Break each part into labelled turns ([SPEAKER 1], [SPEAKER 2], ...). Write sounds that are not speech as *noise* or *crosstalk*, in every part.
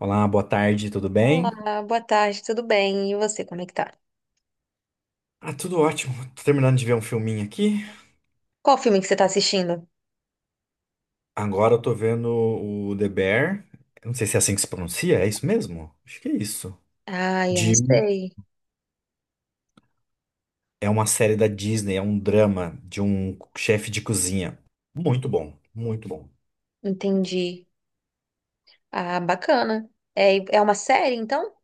[SPEAKER 1] Olá, boa tarde, tudo bem?
[SPEAKER 2] Olá, boa tarde, tudo bem? E você, como é que tá?
[SPEAKER 1] Ah, tudo ótimo. Tô terminando de ver um filminho aqui.
[SPEAKER 2] Qual filme que você tá assistindo?
[SPEAKER 1] Agora eu tô vendo o The Bear. Eu não sei se é assim que se pronuncia, é isso mesmo? Acho que é isso.
[SPEAKER 2] Ah, eu não
[SPEAKER 1] De...
[SPEAKER 2] sei.
[SPEAKER 1] É uma série da Disney, é um drama de um chefe de cozinha. Muito bom, muito bom.
[SPEAKER 2] Entendi. Ah, bacana. É, é uma série, então?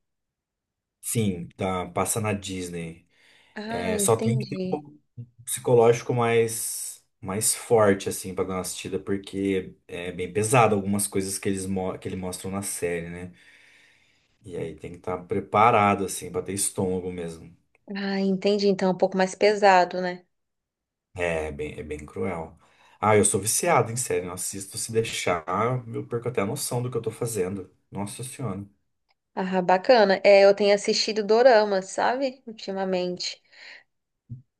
[SPEAKER 1] Sim, tá, passa na Disney.
[SPEAKER 2] Ah,
[SPEAKER 1] É, só tem que ter um
[SPEAKER 2] entendi.
[SPEAKER 1] pouco psicológico mais forte, assim, pra dar uma assistida, porque é bem pesado algumas coisas que que eles mostram na série, né? E aí tem que estar preparado, assim, pra ter estômago mesmo.
[SPEAKER 2] Ah, entendi. Então é um pouco mais pesado, né?
[SPEAKER 1] É bem cruel. Ah, eu sou viciado em série, eu assisto se deixar, eu perco até a noção do que eu tô fazendo. Nossa Senhora.
[SPEAKER 2] Ah, bacana. É, eu tenho assistido dorama, sabe? Ultimamente.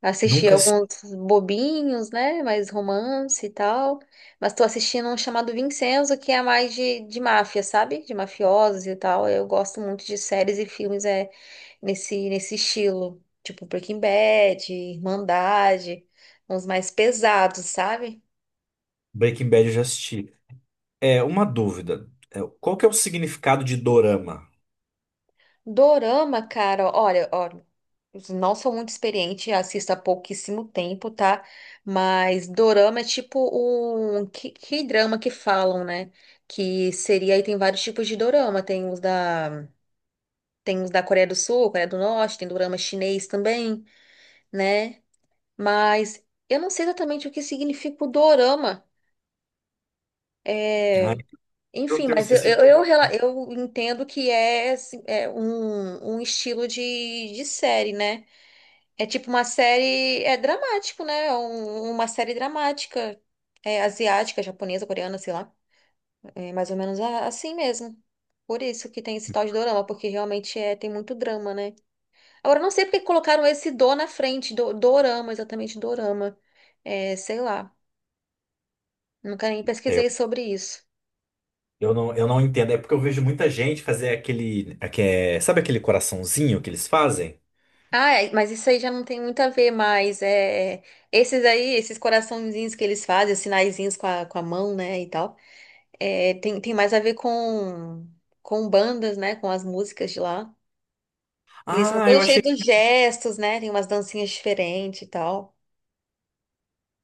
[SPEAKER 2] Assisti
[SPEAKER 1] Nunca assisti
[SPEAKER 2] alguns bobinhos, né? Mais romance e tal. Mas tô assistindo um chamado Vincenzo, que é mais de máfia, sabe? De mafiosos e tal. Eu gosto muito de séries e filmes nesse estilo. Tipo Breaking Bad, Irmandade, uns mais pesados, sabe?
[SPEAKER 1] Breaking Bad, eu já assisti. É, uma dúvida. É, qual que é o significado de dorama?
[SPEAKER 2] Dorama, cara, olha, ó, não sou muito experiente, assisto há pouquíssimo tempo, tá? Mas dorama é tipo um que drama que falam, né? Que seria aí tem vários tipos de dorama, tem os da Coreia do Sul, Coreia do Norte, tem dorama chinês também, né? Mas eu não sei exatamente o que significa o dorama.
[SPEAKER 1] Ah,
[SPEAKER 2] É,
[SPEAKER 1] é um
[SPEAKER 2] enfim,
[SPEAKER 1] termo
[SPEAKER 2] mas
[SPEAKER 1] específico.
[SPEAKER 2] eu entendo que é, assim, é um estilo de série, né? É tipo uma série. É dramático, né? Uma série dramática. É asiática, japonesa, coreana, sei lá. É mais ou menos a- assim mesmo. Por isso que tem esse tal de dorama, porque realmente tem muito drama, né? Agora, eu não sei porque colocaram esse do na frente, dorama, exatamente dorama. É, sei lá. Nunca nem
[SPEAKER 1] É,
[SPEAKER 2] pesquisei sobre isso.
[SPEAKER 1] eu não entendo. É porque eu vejo muita gente fazer sabe aquele coraçãozinho que eles fazem?
[SPEAKER 2] Ah, é, mas isso aí já não tem muito a ver mais. Esses aí, esses coraçõezinhos que eles fazem, os sinaizinhos com a mão, né, e tal. Tem mais a ver com bandas, né? Com as músicas de lá. Eles são
[SPEAKER 1] Ah, eu
[SPEAKER 2] todos cheios
[SPEAKER 1] achei,
[SPEAKER 2] de gestos, né? Tem umas dancinhas diferentes e tal.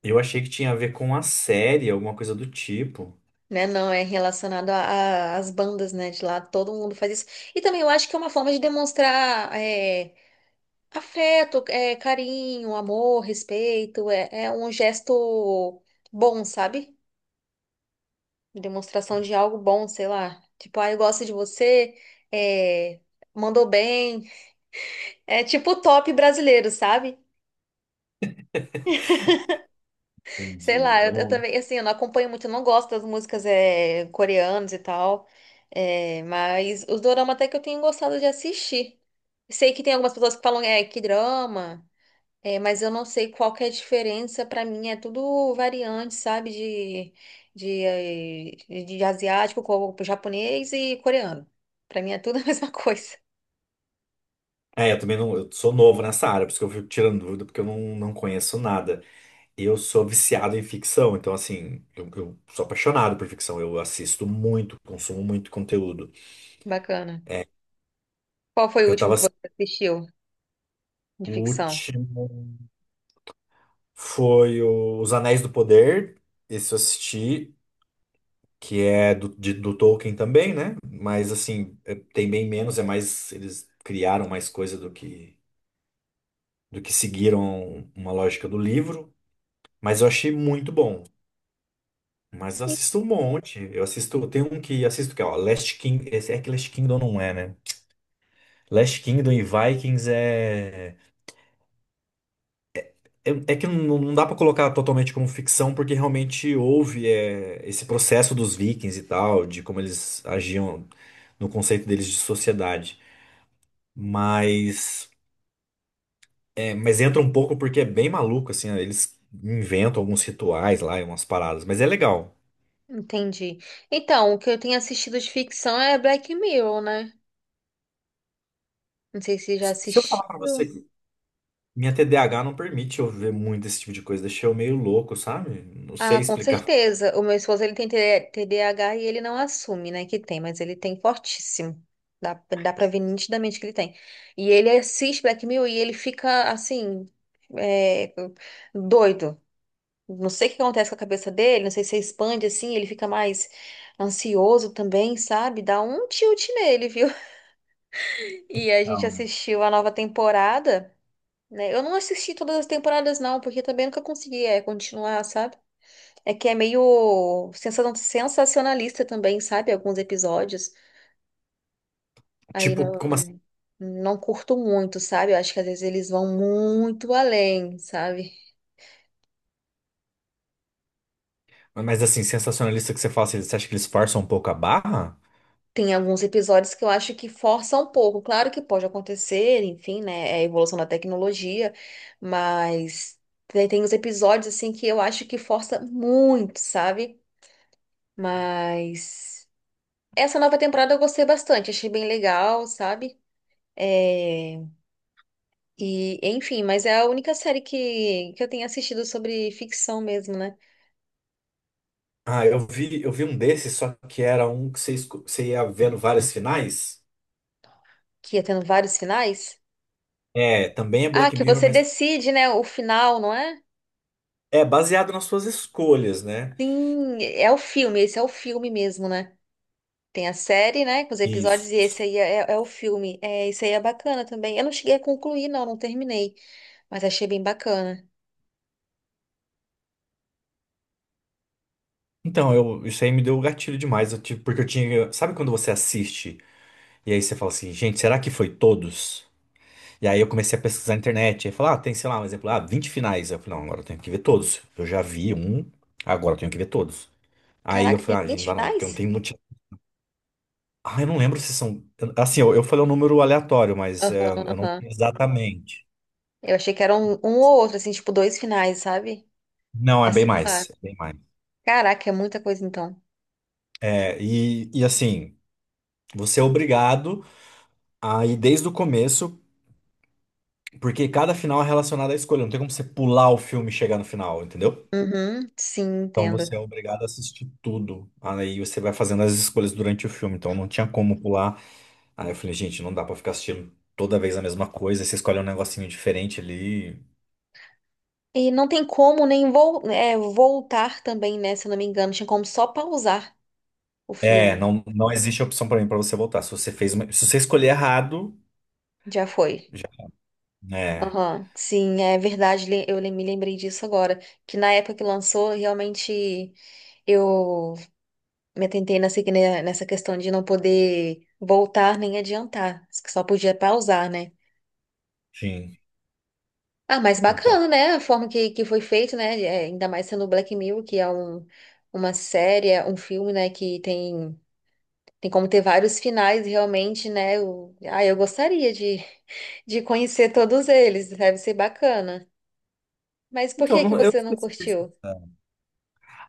[SPEAKER 1] eu achei que tinha a ver com a série, alguma coisa do tipo.
[SPEAKER 2] Né? Não, é relacionado às bandas, né? De lá, todo mundo faz isso. E também eu acho que é uma forma de demonstrar afeto, é, carinho, amor, respeito. É um gesto bom, sabe? Demonstração de algo bom, sei lá. Tipo, ah, eu gosto de você, é, mandou bem. É tipo o top brasileiro, sabe? Sei
[SPEAKER 1] Entendi.
[SPEAKER 2] lá,
[SPEAKER 1] Eu
[SPEAKER 2] eu
[SPEAKER 1] não-
[SPEAKER 2] também, assim, eu não acompanho muito, eu não gosto das músicas coreanas e tal, é, mas os dorama até que eu tenho gostado de assistir. Sei que tem algumas pessoas que falam, é, que drama, é, mas eu não sei qual que é a diferença, pra mim é tudo variante, sabe, de asiático, japonês e coreano. Pra mim é tudo a *laughs* mesma coisa.
[SPEAKER 1] É, eu também não. Eu sou novo nessa área, por isso que eu fico tirando dúvida, porque eu não, não conheço nada. Eu sou viciado em ficção, então, assim, eu sou apaixonado por ficção. Eu assisto muito, consumo muito conteúdo.
[SPEAKER 2] Bacana. Qual foi o
[SPEAKER 1] Eu
[SPEAKER 2] último
[SPEAKER 1] tava.
[SPEAKER 2] que
[SPEAKER 1] Ass-
[SPEAKER 2] você assistiu de
[SPEAKER 1] O
[SPEAKER 2] ficção?
[SPEAKER 1] último foi o- Os Anéis do Poder, esse eu assisti, que é do Tolkien também, né? Mas, assim, é- tem bem menos, é mais. Eles criaram mais coisa do que seguiram uma lógica do livro. Mas eu achei muito bom. Mas assisto um monte. Eu assisto, tem um que assisto que é, ó, Last King, esse é que Last Kingdom não é, né? Last Kingdom e Vikings é é que não dá pra colocar totalmente como ficção porque realmente houve esse processo dos Vikings e tal, de como eles agiam no conceito deles de sociedade. Mas mas entra um pouco porque é bem maluco assim, ó, eles inventam alguns rituais lá e umas paradas, mas é legal.
[SPEAKER 2] Entendi. Então, o que eu tenho assistido de ficção é Black Mirror, né? Não sei se já
[SPEAKER 1] Se eu
[SPEAKER 2] assistiu.
[SPEAKER 1] falar pra você minha TDAH não permite eu ver muito esse tipo de coisa, deixei eu meio louco, sabe? Não
[SPEAKER 2] Ah,
[SPEAKER 1] sei
[SPEAKER 2] com
[SPEAKER 1] explicar.
[SPEAKER 2] certeza. O meu esposo, ele tem TDAH e ele não assume, né, que tem, mas ele tem fortíssimo. Dá, dá pra ver nitidamente que ele tem. E ele assiste Black Mirror e ele fica, assim, é, doido. Não sei o que acontece com a cabeça dele, não sei se expande, assim, ele fica mais ansioso também, sabe? Dá um tilt nele, viu? *laughs* E a gente
[SPEAKER 1] Então,
[SPEAKER 2] assistiu a nova temporada. Né? Eu não assisti todas as temporadas, não, porque também nunca consegui é, continuar, sabe? É que é meio sensacionalista também, sabe? Alguns episódios. Aí
[SPEAKER 1] tipo,
[SPEAKER 2] não,
[SPEAKER 1] como assim?
[SPEAKER 2] não curto muito, sabe? Eu acho que às vezes eles vão muito além, sabe?
[SPEAKER 1] Mas assim, sensacionalista que você fala, assim, você acha que eles forçam um pouco a barra?
[SPEAKER 2] Tem alguns episódios que eu acho que forçam um pouco. Claro que pode acontecer, enfim, né? É a evolução da tecnologia, mas tem os episódios, assim, que eu acho que força muito, sabe? Mas. Essa nova temporada eu gostei bastante, achei bem legal, sabe? É, e, enfim, mas é a única série que eu tenho assistido sobre ficção mesmo, né?
[SPEAKER 1] Ah, eu vi um desses, só que era um que você, esco- você ia vendo várias finais.
[SPEAKER 2] Que ia tendo vários finais.
[SPEAKER 1] É, também é
[SPEAKER 2] Ah,
[SPEAKER 1] Black
[SPEAKER 2] que
[SPEAKER 1] Mirror,
[SPEAKER 2] você
[SPEAKER 1] mas
[SPEAKER 2] decide, né, o final, não é?
[SPEAKER 1] é baseado nas suas escolhas, né?
[SPEAKER 2] Sim, é o filme, esse é o filme mesmo, né? Tem a série, né, com os episódios, e
[SPEAKER 1] Isso.
[SPEAKER 2] esse aí é, é o filme. É, isso aí é bacana também. Eu não cheguei a concluir, não, não terminei, mas achei bem bacana.
[SPEAKER 1] Então, eu, isso aí me deu o gatilho demais, eu tive- porque eu tinha. Sabe quando você assiste e aí você fala assim, gente, será que foi todos? E aí eu comecei a pesquisar na internet. Aí falar, ah, tem, sei lá, um exemplo, ah, 20 finais. Eu falei, não, agora eu tenho que ver todos. Eu já vi um, agora eu tenho que ver todos. Aí eu
[SPEAKER 2] Caraca, tem
[SPEAKER 1] falei, ah, gente, não
[SPEAKER 2] 20
[SPEAKER 1] dá não, porque eu não
[SPEAKER 2] finais?
[SPEAKER 1] tenho motivo. Ah, eu não lembro se são. Assim, eu falei um número aleatório, mas
[SPEAKER 2] Aham, aham.
[SPEAKER 1] exatamente.
[SPEAKER 2] Eu achei que era um ou outro, assim, tipo, dois finais, sabe?
[SPEAKER 1] Não, é
[SPEAKER 2] Ah,
[SPEAKER 1] bem
[SPEAKER 2] sei lá.
[SPEAKER 1] mais. É bem mais.
[SPEAKER 2] Caraca, é muita coisa então.
[SPEAKER 1] E assim, você é obrigado a ir desde o começo, porque cada final é relacionado à escolha. Não tem como você pular o filme e chegar no final, entendeu?
[SPEAKER 2] Uhum, sim,
[SPEAKER 1] Então
[SPEAKER 2] entendo.
[SPEAKER 1] você é obrigado a assistir tudo. Aí você vai fazendo as escolhas durante o filme. Então não tinha como pular. Aí eu falei, gente, não dá pra ficar assistindo toda vez a mesma coisa. Você escolhe um negocinho diferente ali.
[SPEAKER 2] E não tem como nem voltar também, né? Se eu não me engano, tinha como só pausar o
[SPEAKER 1] É,
[SPEAKER 2] filme.
[SPEAKER 1] não, não existe opção pra mim pra você voltar. Se você fez uma- se você escolher errado,
[SPEAKER 2] Já foi.
[SPEAKER 1] já, né?
[SPEAKER 2] Aham, sim, é verdade, me lembrei disso agora. Que na época que lançou, realmente eu me atentei nessa, que- né, nessa questão de não poder voltar nem adiantar, que só podia pausar, né?
[SPEAKER 1] Sim.
[SPEAKER 2] Ah, mas
[SPEAKER 1] Então.
[SPEAKER 2] bacana, né? A forma que foi feito, né? É, ainda mais sendo Black Mirror, que é um, uma série, é um filme, né? Que tem, tem como ter vários finais, realmente, né? Eu, ah, eu gostaria de, *laughs* de conhecer todos eles, deve ser bacana. Mas por
[SPEAKER 1] Então,
[SPEAKER 2] que que
[SPEAKER 1] não- eu
[SPEAKER 2] você não
[SPEAKER 1] esqueci disso.
[SPEAKER 2] curtiu?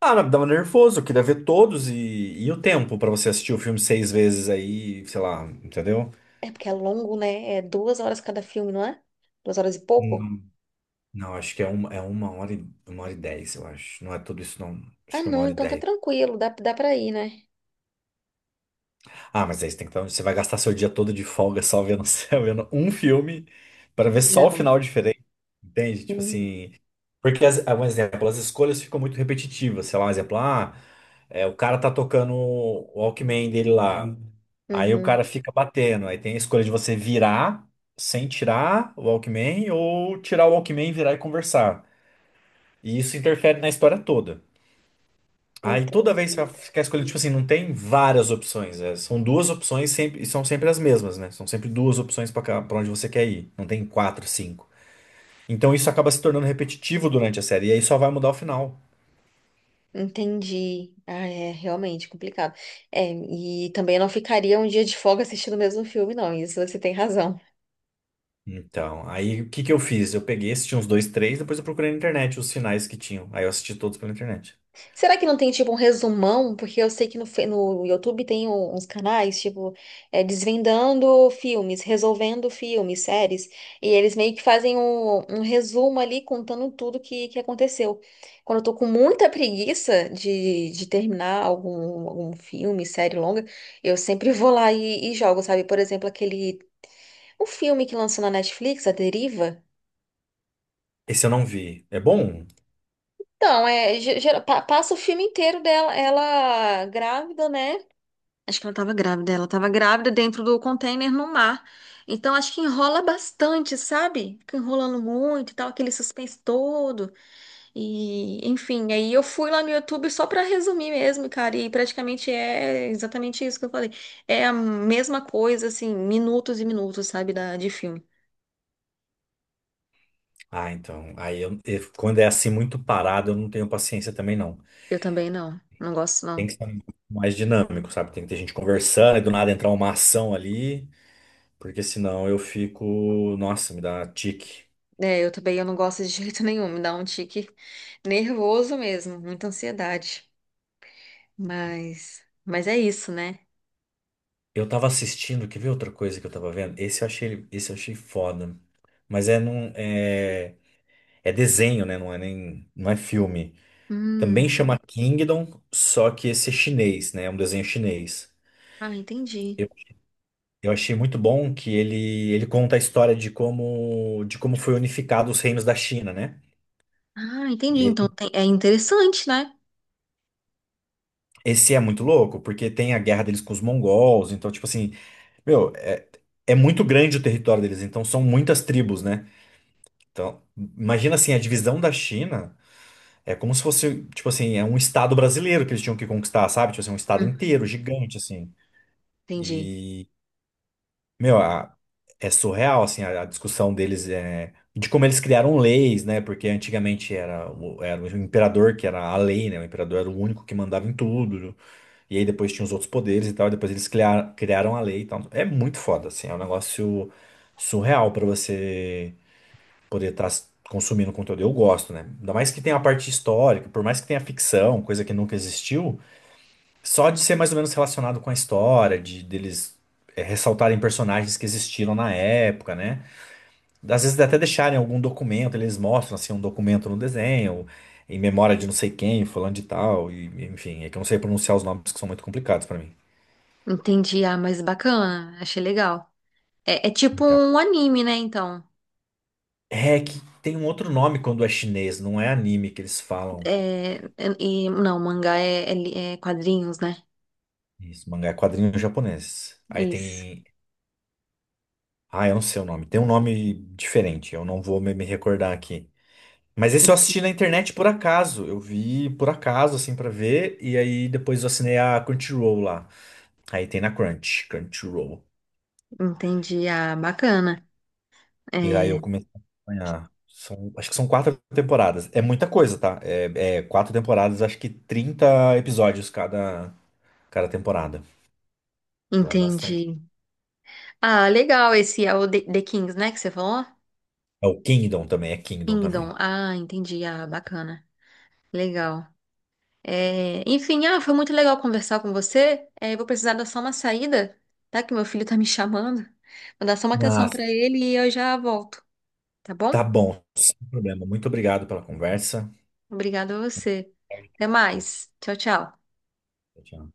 [SPEAKER 1] Ah, não, dava nervoso, eu queria ver todos e o tempo pra você assistir o filme 6 vezes aí, sei lá, entendeu?
[SPEAKER 2] É porque é longo, né? É duas horas cada filme, não é? Duas horas e pouco?
[SPEAKER 1] Não, acho que é uma hora e dez, eu acho. Não é tudo isso, não.
[SPEAKER 2] Ah,
[SPEAKER 1] Acho que é uma
[SPEAKER 2] não,
[SPEAKER 1] hora e
[SPEAKER 2] então tá
[SPEAKER 1] dez.
[SPEAKER 2] tranquilo, dá pra ir, né?
[SPEAKER 1] Ah, mas aí você tem que estar, você vai gastar seu dia todo de folga só vendo, *laughs* só vendo um filme para ver só o
[SPEAKER 2] Não.
[SPEAKER 1] final diferente. Entende? Tipo
[SPEAKER 2] Hum.
[SPEAKER 1] assim. Porque, as, ah, um exemplo, as escolhas ficam muito repetitivas. Sei lá, um exemplo, ah, é, o cara tá tocando o Walkman dele lá. Aí o cara
[SPEAKER 2] Uhum,
[SPEAKER 1] fica batendo. Aí tem a escolha de você virar sem tirar o Walkman ou tirar o Walkman, virar e conversar. E isso interfere na história toda. Aí toda vez que
[SPEAKER 2] entendi.
[SPEAKER 1] você quer escolher, tipo assim, não tem várias opções. É, são duas opções sempre, e são sempre as mesmas, né? São sempre duas opções para onde você quer ir. Não tem quatro, cinco. Então isso acaba se tornando repetitivo durante a série. E aí só vai mudar o final.
[SPEAKER 2] Entendi. Ah, é realmente complicado. É, e também eu não ficaria um dia de folga assistindo o mesmo filme, não. Isso você tem razão.
[SPEAKER 1] Então, aí o que que eu fiz? Eu peguei, assisti uns dois, três, depois eu procurei na internet os finais que tinham. Aí eu assisti todos pela internet.
[SPEAKER 2] Será que não tem, tipo, um resumão? Porque eu sei que no, no YouTube tem uns canais, tipo, é, desvendando filmes, resolvendo filmes, séries. E eles meio que fazem um resumo ali, contando tudo que aconteceu. Quando eu tô com muita preguiça de terminar algum, algum filme, série longa, eu sempre vou lá e jogo, sabe? Por exemplo, aquele. O filme que lançou na Netflix, A Deriva?
[SPEAKER 1] Esse eu não vi. É bom?
[SPEAKER 2] Então, é, passa o filme inteiro dela, ela grávida, né? Acho que ela tava grávida dentro do container no mar. Então, acho que enrola bastante, sabe? Fica enrolando muito e tal, aquele suspense todo. E, enfim, aí eu fui lá no YouTube só pra resumir mesmo, cara. E praticamente é exatamente isso que eu falei. É a mesma coisa, assim, minutos e minutos, sabe, de filme.
[SPEAKER 1] Ah, então. Aí eu- quando é assim muito parado, eu não tenho paciência também, não.
[SPEAKER 2] Eu também não, não gosto,
[SPEAKER 1] Tem
[SPEAKER 2] não.
[SPEAKER 1] que ser um pouco mais dinâmico, sabe? Tem que ter gente conversando e do nada entrar uma ação ali. Porque senão eu fico. Nossa, me dá tique.
[SPEAKER 2] É, eu também eu não gosto de jeito *laughs* nenhum, me dá um tique nervoso mesmo, muita ansiedade. Mas é isso, né?
[SPEAKER 1] Eu tava assistindo, quer ver outra coisa que eu tava vendo? Esse eu achei foda. Mas é num, é, é desenho, né? Não é filme. Também
[SPEAKER 2] Hum,
[SPEAKER 1] chama Kingdom, só que esse é chinês, né? É um desenho chinês.
[SPEAKER 2] ah, entendi.
[SPEAKER 1] Eu, eu achei muito bom que ele conta a história de como foi unificado os reinos da China, né?
[SPEAKER 2] Ah, entendi. Então
[SPEAKER 1] E
[SPEAKER 2] tem- é interessante, né?
[SPEAKER 1] esse é muito louco, porque tem a guerra deles com os mongols, então, tipo assim, meu, é, é muito grande o território deles, então são muitas tribos, né? Então, imagina assim, a divisão da China é como se fosse, tipo assim, é um estado brasileiro que eles tinham que conquistar, sabe? Tipo assim, um estado
[SPEAKER 2] Hum,
[SPEAKER 1] inteiro, gigante, assim.
[SPEAKER 2] entendi.
[SPEAKER 1] E, meu, a- é surreal, assim, a discussão deles é de como eles criaram leis, né? Porque antigamente era, o- era o imperador que era a lei, né? O imperador era o único que mandava em tudo. E aí depois tinha os outros poderes e tal, e depois eles criaram a lei e tal. É muito foda, assim, é um negócio surreal pra você poder estar consumindo conteúdo. Eu gosto, né? Ainda mais que tem a parte histórica, por mais que tenha ficção, coisa que nunca existiu, só de ser mais ou menos relacionado com a história, de deles ressaltarem personagens que existiram na época, né? Às vezes até deixarem algum documento, eles mostram assim um documento no desenho, em memória de não sei quem, falando de tal, e enfim, é que eu não sei pronunciar os nomes que são muito complicados pra mim.
[SPEAKER 2] Entendi. Ah, mas bacana, achei legal. É, é tipo
[SPEAKER 1] Então,
[SPEAKER 2] um anime, né? Então,
[SPEAKER 1] é que tem um outro nome quando é chinês, não é anime que eles falam.
[SPEAKER 2] é, não, mangá é, é quadrinhos, né?
[SPEAKER 1] Isso, mangá é quadrinho japonês. Aí
[SPEAKER 2] Isso.
[SPEAKER 1] tem. Ah, eu não sei o nome. Tem um nome diferente, eu não vou me recordar aqui. Mas esse eu assisti na internet por acaso. Eu vi por acaso, assim, pra ver. E aí depois eu assinei a Crunchyroll lá. Aí tem na Crunchyroll.
[SPEAKER 2] Entendi. Ah, bacana.
[SPEAKER 1] E aí eu
[SPEAKER 2] É,
[SPEAKER 1] comecei a acompanhar. São- acho que são 4 temporadas. É muita coisa, tá? É, é 4 temporadas, acho que 30 episódios cada, cada temporada. Então é bastante.
[SPEAKER 2] entendi. Ah, legal esse é o The Kings, né, que você falou?
[SPEAKER 1] É o Kingdom também, é Kingdom
[SPEAKER 2] Kingdom.
[SPEAKER 1] também.
[SPEAKER 2] Ah, entendi. Ah, bacana. Legal. É, enfim, ah, foi muito legal conversar com você. É, eu vou precisar dar só uma saída, tá? Que meu filho tá me chamando. Vou dar só uma atenção
[SPEAKER 1] Mas
[SPEAKER 2] pra ele e eu já volto, tá
[SPEAKER 1] tá
[SPEAKER 2] bom?
[SPEAKER 1] bom, sem problema. Muito obrigado pela conversa.
[SPEAKER 2] Obrigada a você. Até mais. Tchau, tchau.
[SPEAKER 1] Tchau, tchau.